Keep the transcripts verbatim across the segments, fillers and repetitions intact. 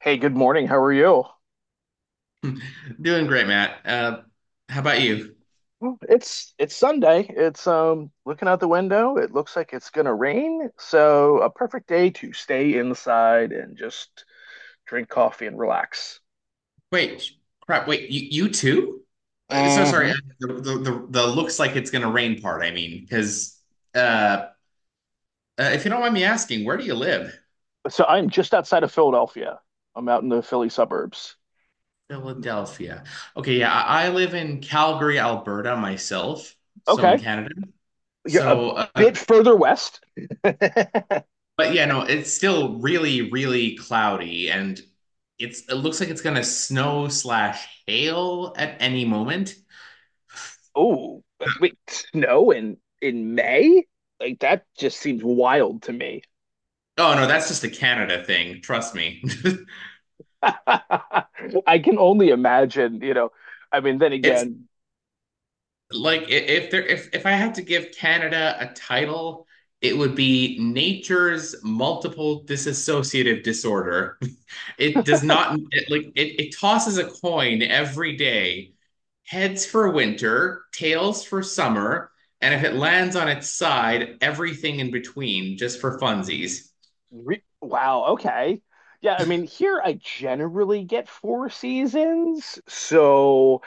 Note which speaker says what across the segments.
Speaker 1: Hey, good morning. How are you?
Speaker 2: Doing great, Matt. Uh, how about you?
Speaker 1: Well, It's it's Sunday. It's um Looking out the window, it looks like it's gonna rain. So a perfect day to stay inside and just drink coffee and relax.
Speaker 2: Wait, sh- crap. Wait, you, you too? Uh, So
Speaker 1: Mhm.
Speaker 2: sorry. uh, The, the the the looks like it's gonna rain part. I mean, because uh, uh, if you don't mind me asking, where do you live?
Speaker 1: So I'm just outside of Philadelphia. I'm out in the Philly suburbs.
Speaker 2: Philadelphia. Okay, yeah, I, I live in Calgary, Alberta myself, so in
Speaker 1: Okay.
Speaker 2: Canada.
Speaker 1: You're a
Speaker 2: So,
Speaker 1: bit
Speaker 2: uh,
Speaker 1: further west.
Speaker 2: but yeah, no, it's still really, really cloudy, and it's it looks like it's gonna snow slash hail at any moment.
Speaker 1: Oh, but wait, snow in in May? Like that just seems wild to me.
Speaker 2: Oh no, that's just a Canada thing. Trust me.
Speaker 1: I can only imagine, you know. I mean, then
Speaker 2: It's
Speaker 1: again,
Speaker 2: like I- if there if if I had to give Canada a title, it would be nature's multiple dissociative disorder. It does not it, like it, it tosses a coin every day, heads for winter, tails for summer, and if it lands on its side, everything in between just for funsies.
Speaker 1: re wow, okay. Yeah, I mean, here I generally get four seasons. So,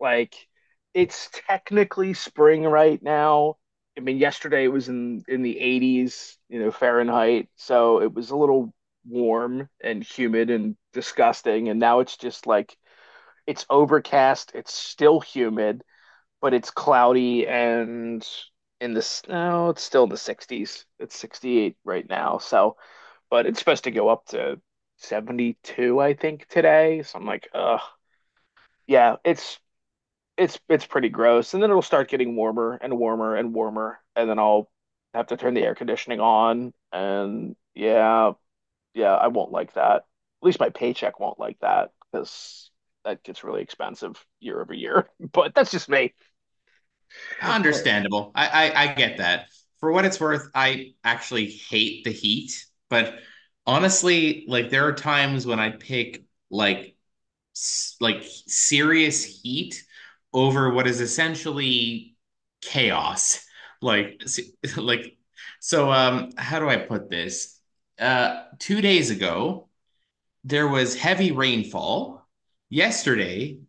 Speaker 1: like, it's technically spring right now. I mean, yesterday it was in in the eighties, you know, Fahrenheit, so it was a little warm and humid and disgusting, and now it's just like it's overcast, it's still humid. But it's cloudy and in the no, it's still in the sixties. It's sixty-eight right now. So, but it's supposed to go up to seventy-two, I think, today. So I'm like, ugh, yeah, it's it's it's pretty gross. And then it'll start getting warmer and warmer and warmer, and then I'll have to turn the air conditioning on. And yeah, yeah, I won't like that. At least my paycheck won't like that because that gets really expensive year over year. But that's just me. Oh.
Speaker 2: Understandable. I, I I get that. For what it's worth, I actually hate the heat, but honestly, like there are times when I pick like s- like serious heat over what is essentially chaos. Like s- like so um how do I put this? Uh two days ago, there was heavy rainfall yesterday,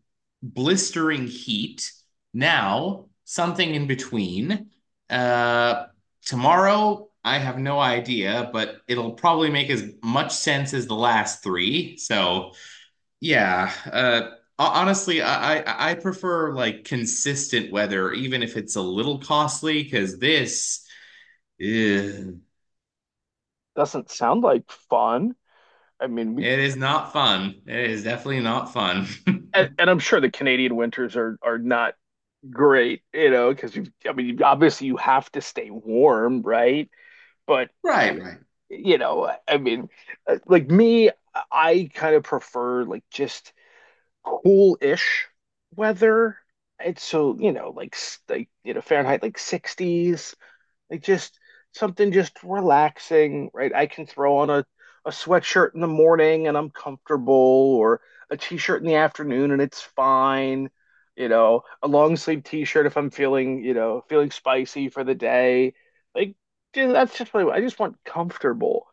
Speaker 2: blistering heat. Now, something in between. Uh, tomorrow, I have no idea, but it'll probably make as much sense as the last three. So, yeah. Uh, honestly, I, I I prefer like consistent weather, even if it's a little costly. because this ugh,
Speaker 1: Doesn't sound like fun. I mean, we
Speaker 2: it is not fun. It is definitely not fun.
Speaker 1: and, and I'm sure the Canadian winters are are not great, you know, because you I mean, obviously you have to stay warm, right? But
Speaker 2: Right, right.
Speaker 1: you know, I mean, uh, like me, I kind of prefer like just cool-ish weather. And so, you know, like s- like you know, Fahrenheit like sixties, like just something just relaxing, right? I can throw on a, a sweatshirt in the morning and I'm comfortable, or a t-shirt in the afternoon and it's fine. You know, a long sleeve t-shirt if I'm feeling, you know, feeling spicy for the day. Like dude, that's just really. I, I just want comfortable.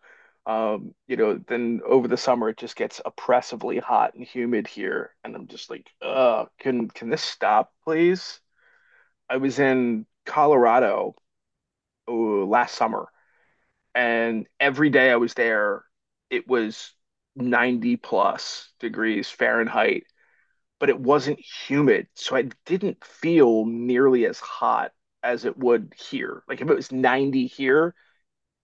Speaker 1: Um, you know, then over the summer it just gets oppressively hot and humid here, and I'm just like, uh, can can this stop, please? I was in Colorado, oh, last summer, and every day I was there, it was ninety plus degrees Fahrenheit, but it wasn't humid. So I didn't feel nearly as hot as it would here. Like if it was ninety here,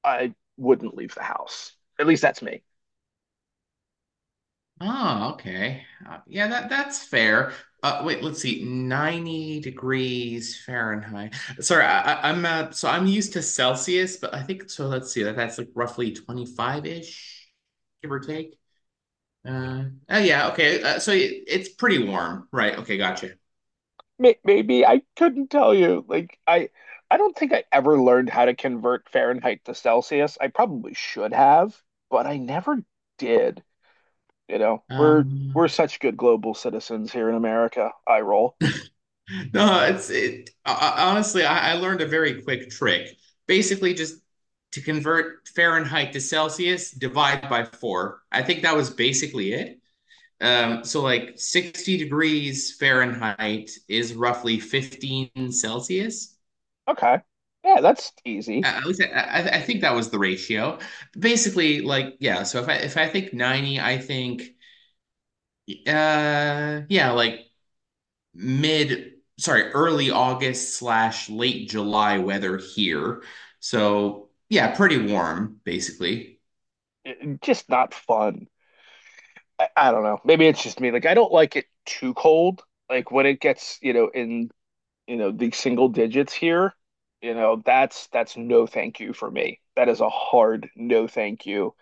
Speaker 1: I wouldn't leave the house. At least that's me.
Speaker 2: Oh, okay. Uh, yeah, that that's fair. Uh, wait, let's see. ninety degrees Fahrenheit. Sorry, I, I, I'm uh, so I'm used to Celsius, but I think so. Let's see. That that's like roughly twenty-five-ish, give or take. Uh, oh yeah, okay. Uh, so it, it's pretty warm, right? Okay, gotcha.
Speaker 1: May- Maybe I couldn't tell you. Like I, I don't think I ever learned how to convert Fahrenheit to Celsius. I probably should have, but I never did. You know, we're
Speaker 2: Um,
Speaker 1: we're such good global citizens here in America. I roll.
Speaker 2: no, it's it. I, honestly, I, I learned a very quick trick. Basically, just to convert Fahrenheit to Celsius, divide by four. I think that was basically it. Um, so like sixty degrees Fahrenheit is roughly fifteen Celsius.
Speaker 1: Okay. Yeah, that's easy.
Speaker 2: I, I, I think that was the ratio. Basically, like yeah. So if I if I think ninety, I think uh yeah, like mid sorry early August slash late July weather here. So yeah, pretty warm basically.
Speaker 1: It- just not fun. I, I don't know. Maybe it's just me. Like I don't like it too cold. Like when it gets, you know, in, you know, the single digits here, you know, that's that's no thank you for me. That is a hard no thank you.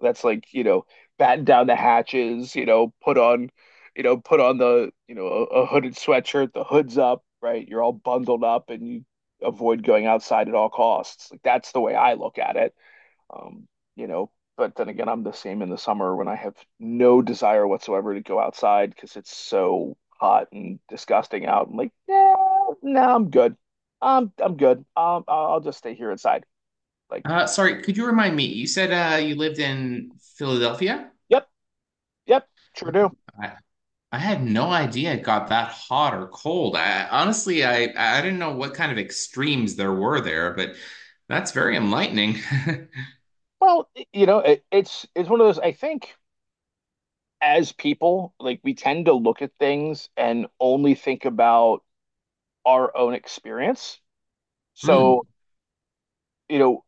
Speaker 1: That's like, you know, batten down the hatches, you know, put on, you know, put on the, you know, a, a hooded sweatshirt, the hood's up, right? You're all bundled up and you avoid going outside at all costs. Like that's the way I look at it. Um, you know, but then again, I'm the same in the summer when I have no desire whatsoever to go outside because it's so hot and disgusting out. I'm like, no, no, I'm good. I'm I'm good. Um, I'll I'll just stay here inside. Like,
Speaker 2: Uh, sorry, could you remind me? You said uh you lived in Philadelphia?
Speaker 1: yep, yep, sure do.
Speaker 2: I, I had no idea it got that hot or cold. I honestly, I I didn't know what kind of extremes there were there, but that's very enlightening.
Speaker 1: Well, you know, it, it's it's one of those. I think as people, like we tend to look at things and only think about our own experience. So,
Speaker 2: Mm.
Speaker 1: you know,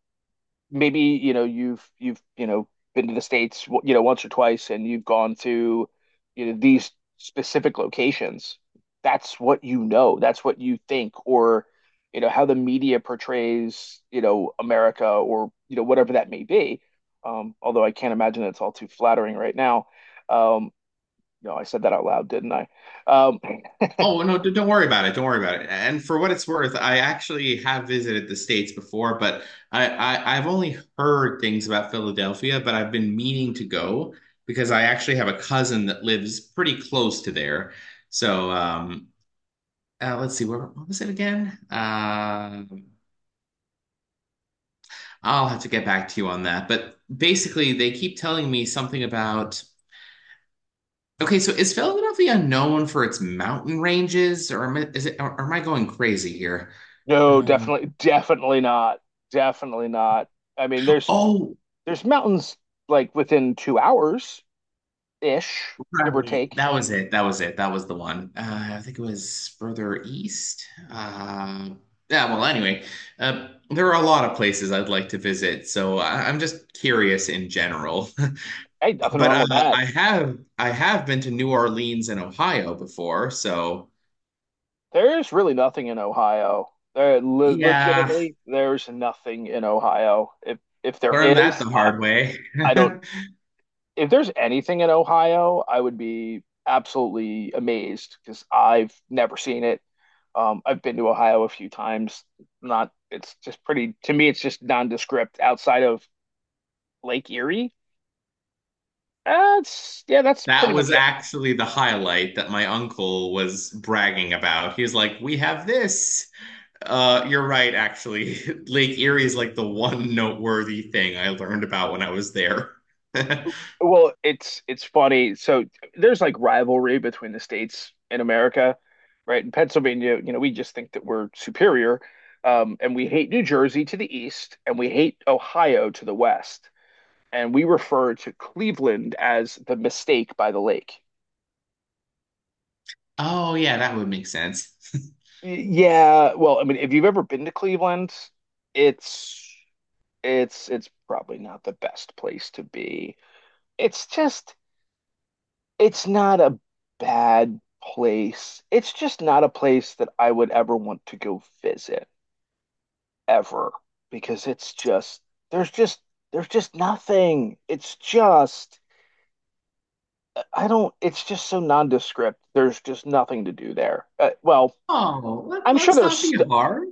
Speaker 1: maybe you know you've you've you know been to the States you know once or twice and you've gone to you know these specific locations. That's what you know. That's what you think, or you know how the media portrays you know America or you know whatever that may be. Um, although I can't imagine it's all too flattering right now. Um, no, I said that out loud, didn't I? Um,
Speaker 2: Oh, no, d- don't worry about it. Don't worry about it. And for what it's worth, I actually have visited the States before, but I, I I've only heard things about Philadelphia, but I've been meaning to go because I actually have a cousin that lives pretty close to there. So, um, uh, let's see, where what was it again? Uh, I'll have to get back to you on that. But basically, they keep telling me something about. Okay, so is Philadelphia known for its mountain ranges, or am I, is it, or, or am I going crazy here?
Speaker 1: no,
Speaker 2: Uh,
Speaker 1: definitely, definitely not. Definitely not. I mean, there's
Speaker 2: oh,
Speaker 1: there's mountains like within two hours. Ish, give or
Speaker 2: right,
Speaker 1: take.
Speaker 2: that was it. That was it. That was the one. Uh, I think it was further east. Uh, yeah. Well, anyway, uh, there are a lot of places I'd like to visit, so I, I'm just curious in general.
Speaker 1: Ain't nothing
Speaker 2: But
Speaker 1: wrong
Speaker 2: uh,
Speaker 1: with that.
Speaker 2: I have I have been to New Orleans and Ohio before, so.
Speaker 1: There's really nothing in Ohio. There, le
Speaker 2: Yeah,
Speaker 1: Legitimately, there's nothing in Ohio. If if there
Speaker 2: learned that the
Speaker 1: is, I,
Speaker 2: hard way.
Speaker 1: I don't. If there's anything in Ohio, I would be absolutely amazed because I've never seen it. Um, I've been to Ohio a few times. Not, it's just pretty. To me, it's just nondescript outside of Lake Erie. That's Yeah, that's pretty
Speaker 2: That
Speaker 1: much
Speaker 2: was
Speaker 1: it.
Speaker 2: actually the highlight that my uncle was bragging about. He was like, "We have this." Uh, you're right, actually. Lake Erie is like the one noteworthy thing I learned about when I was there.
Speaker 1: Well, it's it's funny. So there's like rivalry between the states in America, right? In Pennsylvania, you know, we just think that we're superior, um, and we hate New Jersey to the east, and we hate Ohio to the west, and we refer to Cleveland as the mistake by the lake.
Speaker 2: Oh, yeah, that would make sense.
Speaker 1: Y- Yeah, well, I mean, if you've ever been to Cleveland, it's it's it's probably not the best place to be. It's just it's not a bad place. It's just not a place that I would ever want to go visit ever because it's just there's just there's just nothing. It's just I don't it's just so nondescript. There's just nothing to do there. Uh, well,
Speaker 2: Oh, let,
Speaker 1: I'm sure
Speaker 2: let's
Speaker 1: there's
Speaker 2: not be
Speaker 1: st
Speaker 2: hard.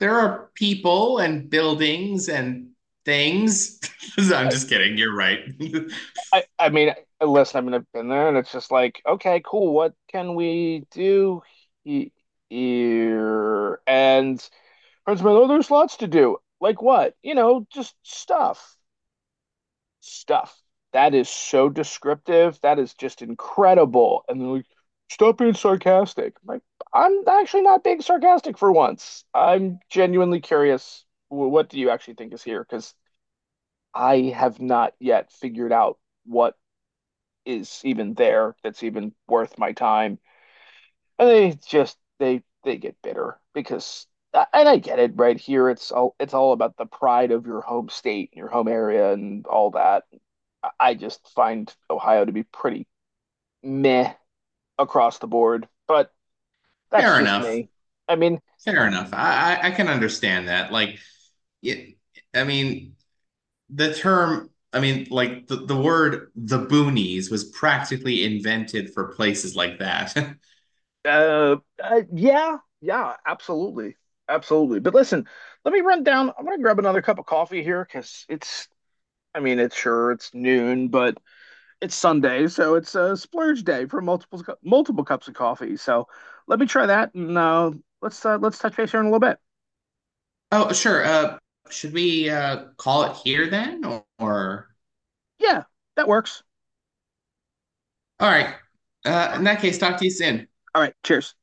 Speaker 2: There are people and buildings and things. I'm
Speaker 1: I,
Speaker 2: just kidding. You're right.
Speaker 1: I I mean, listen, I mean I've been there and it's just like, okay, cool. What can we do he here? And Prince there's lots to do. Like what? You know, just stuff. Stuff. That is so descriptive. That is just incredible. And they're like, stop being sarcastic. I'm like, I'm actually not being sarcastic for once. I'm genuinely curious. wh- What do you actually think is here? Because I have not yet figured out what is even there that's even worth my time. And they just they they get bitter because uh, and I get it, right? Here it's all it's all about the pride of your home state, your home area, and all that. I just find Ohio to be pretty meh across the board, but that's
Speaker 2: Fair
Speaker 1: just
Speaker 2: enough.
Speaker 1: me. I mean,
Speaker 2: Fair enough. I, I I can understand that. Like, it, I mean, the term, I mean, like the, the word the boonies was practically invented for places like that.
Speaker 1: uh, uh yeah, yeah, absolutely, absolutely, but listen, let me run down. I'm gonna grab another cup of coffee here because it's I mean, it's sure, it's noon, but it's Sunday, so it's a splurge day for multiple multiple cups of coffee. So let me try that, and uh, let's uh, let's touch base here in a little bit.
Speaker 2: Oh, sure. Uh, should we uh call it here then, or?
Speaker 1: Yeah, that works.
Speaker 2: All right. Uh,
Speaker 1: All
Speaker 2: in that case, talk to you soon.
Speaker 1: right, cheers.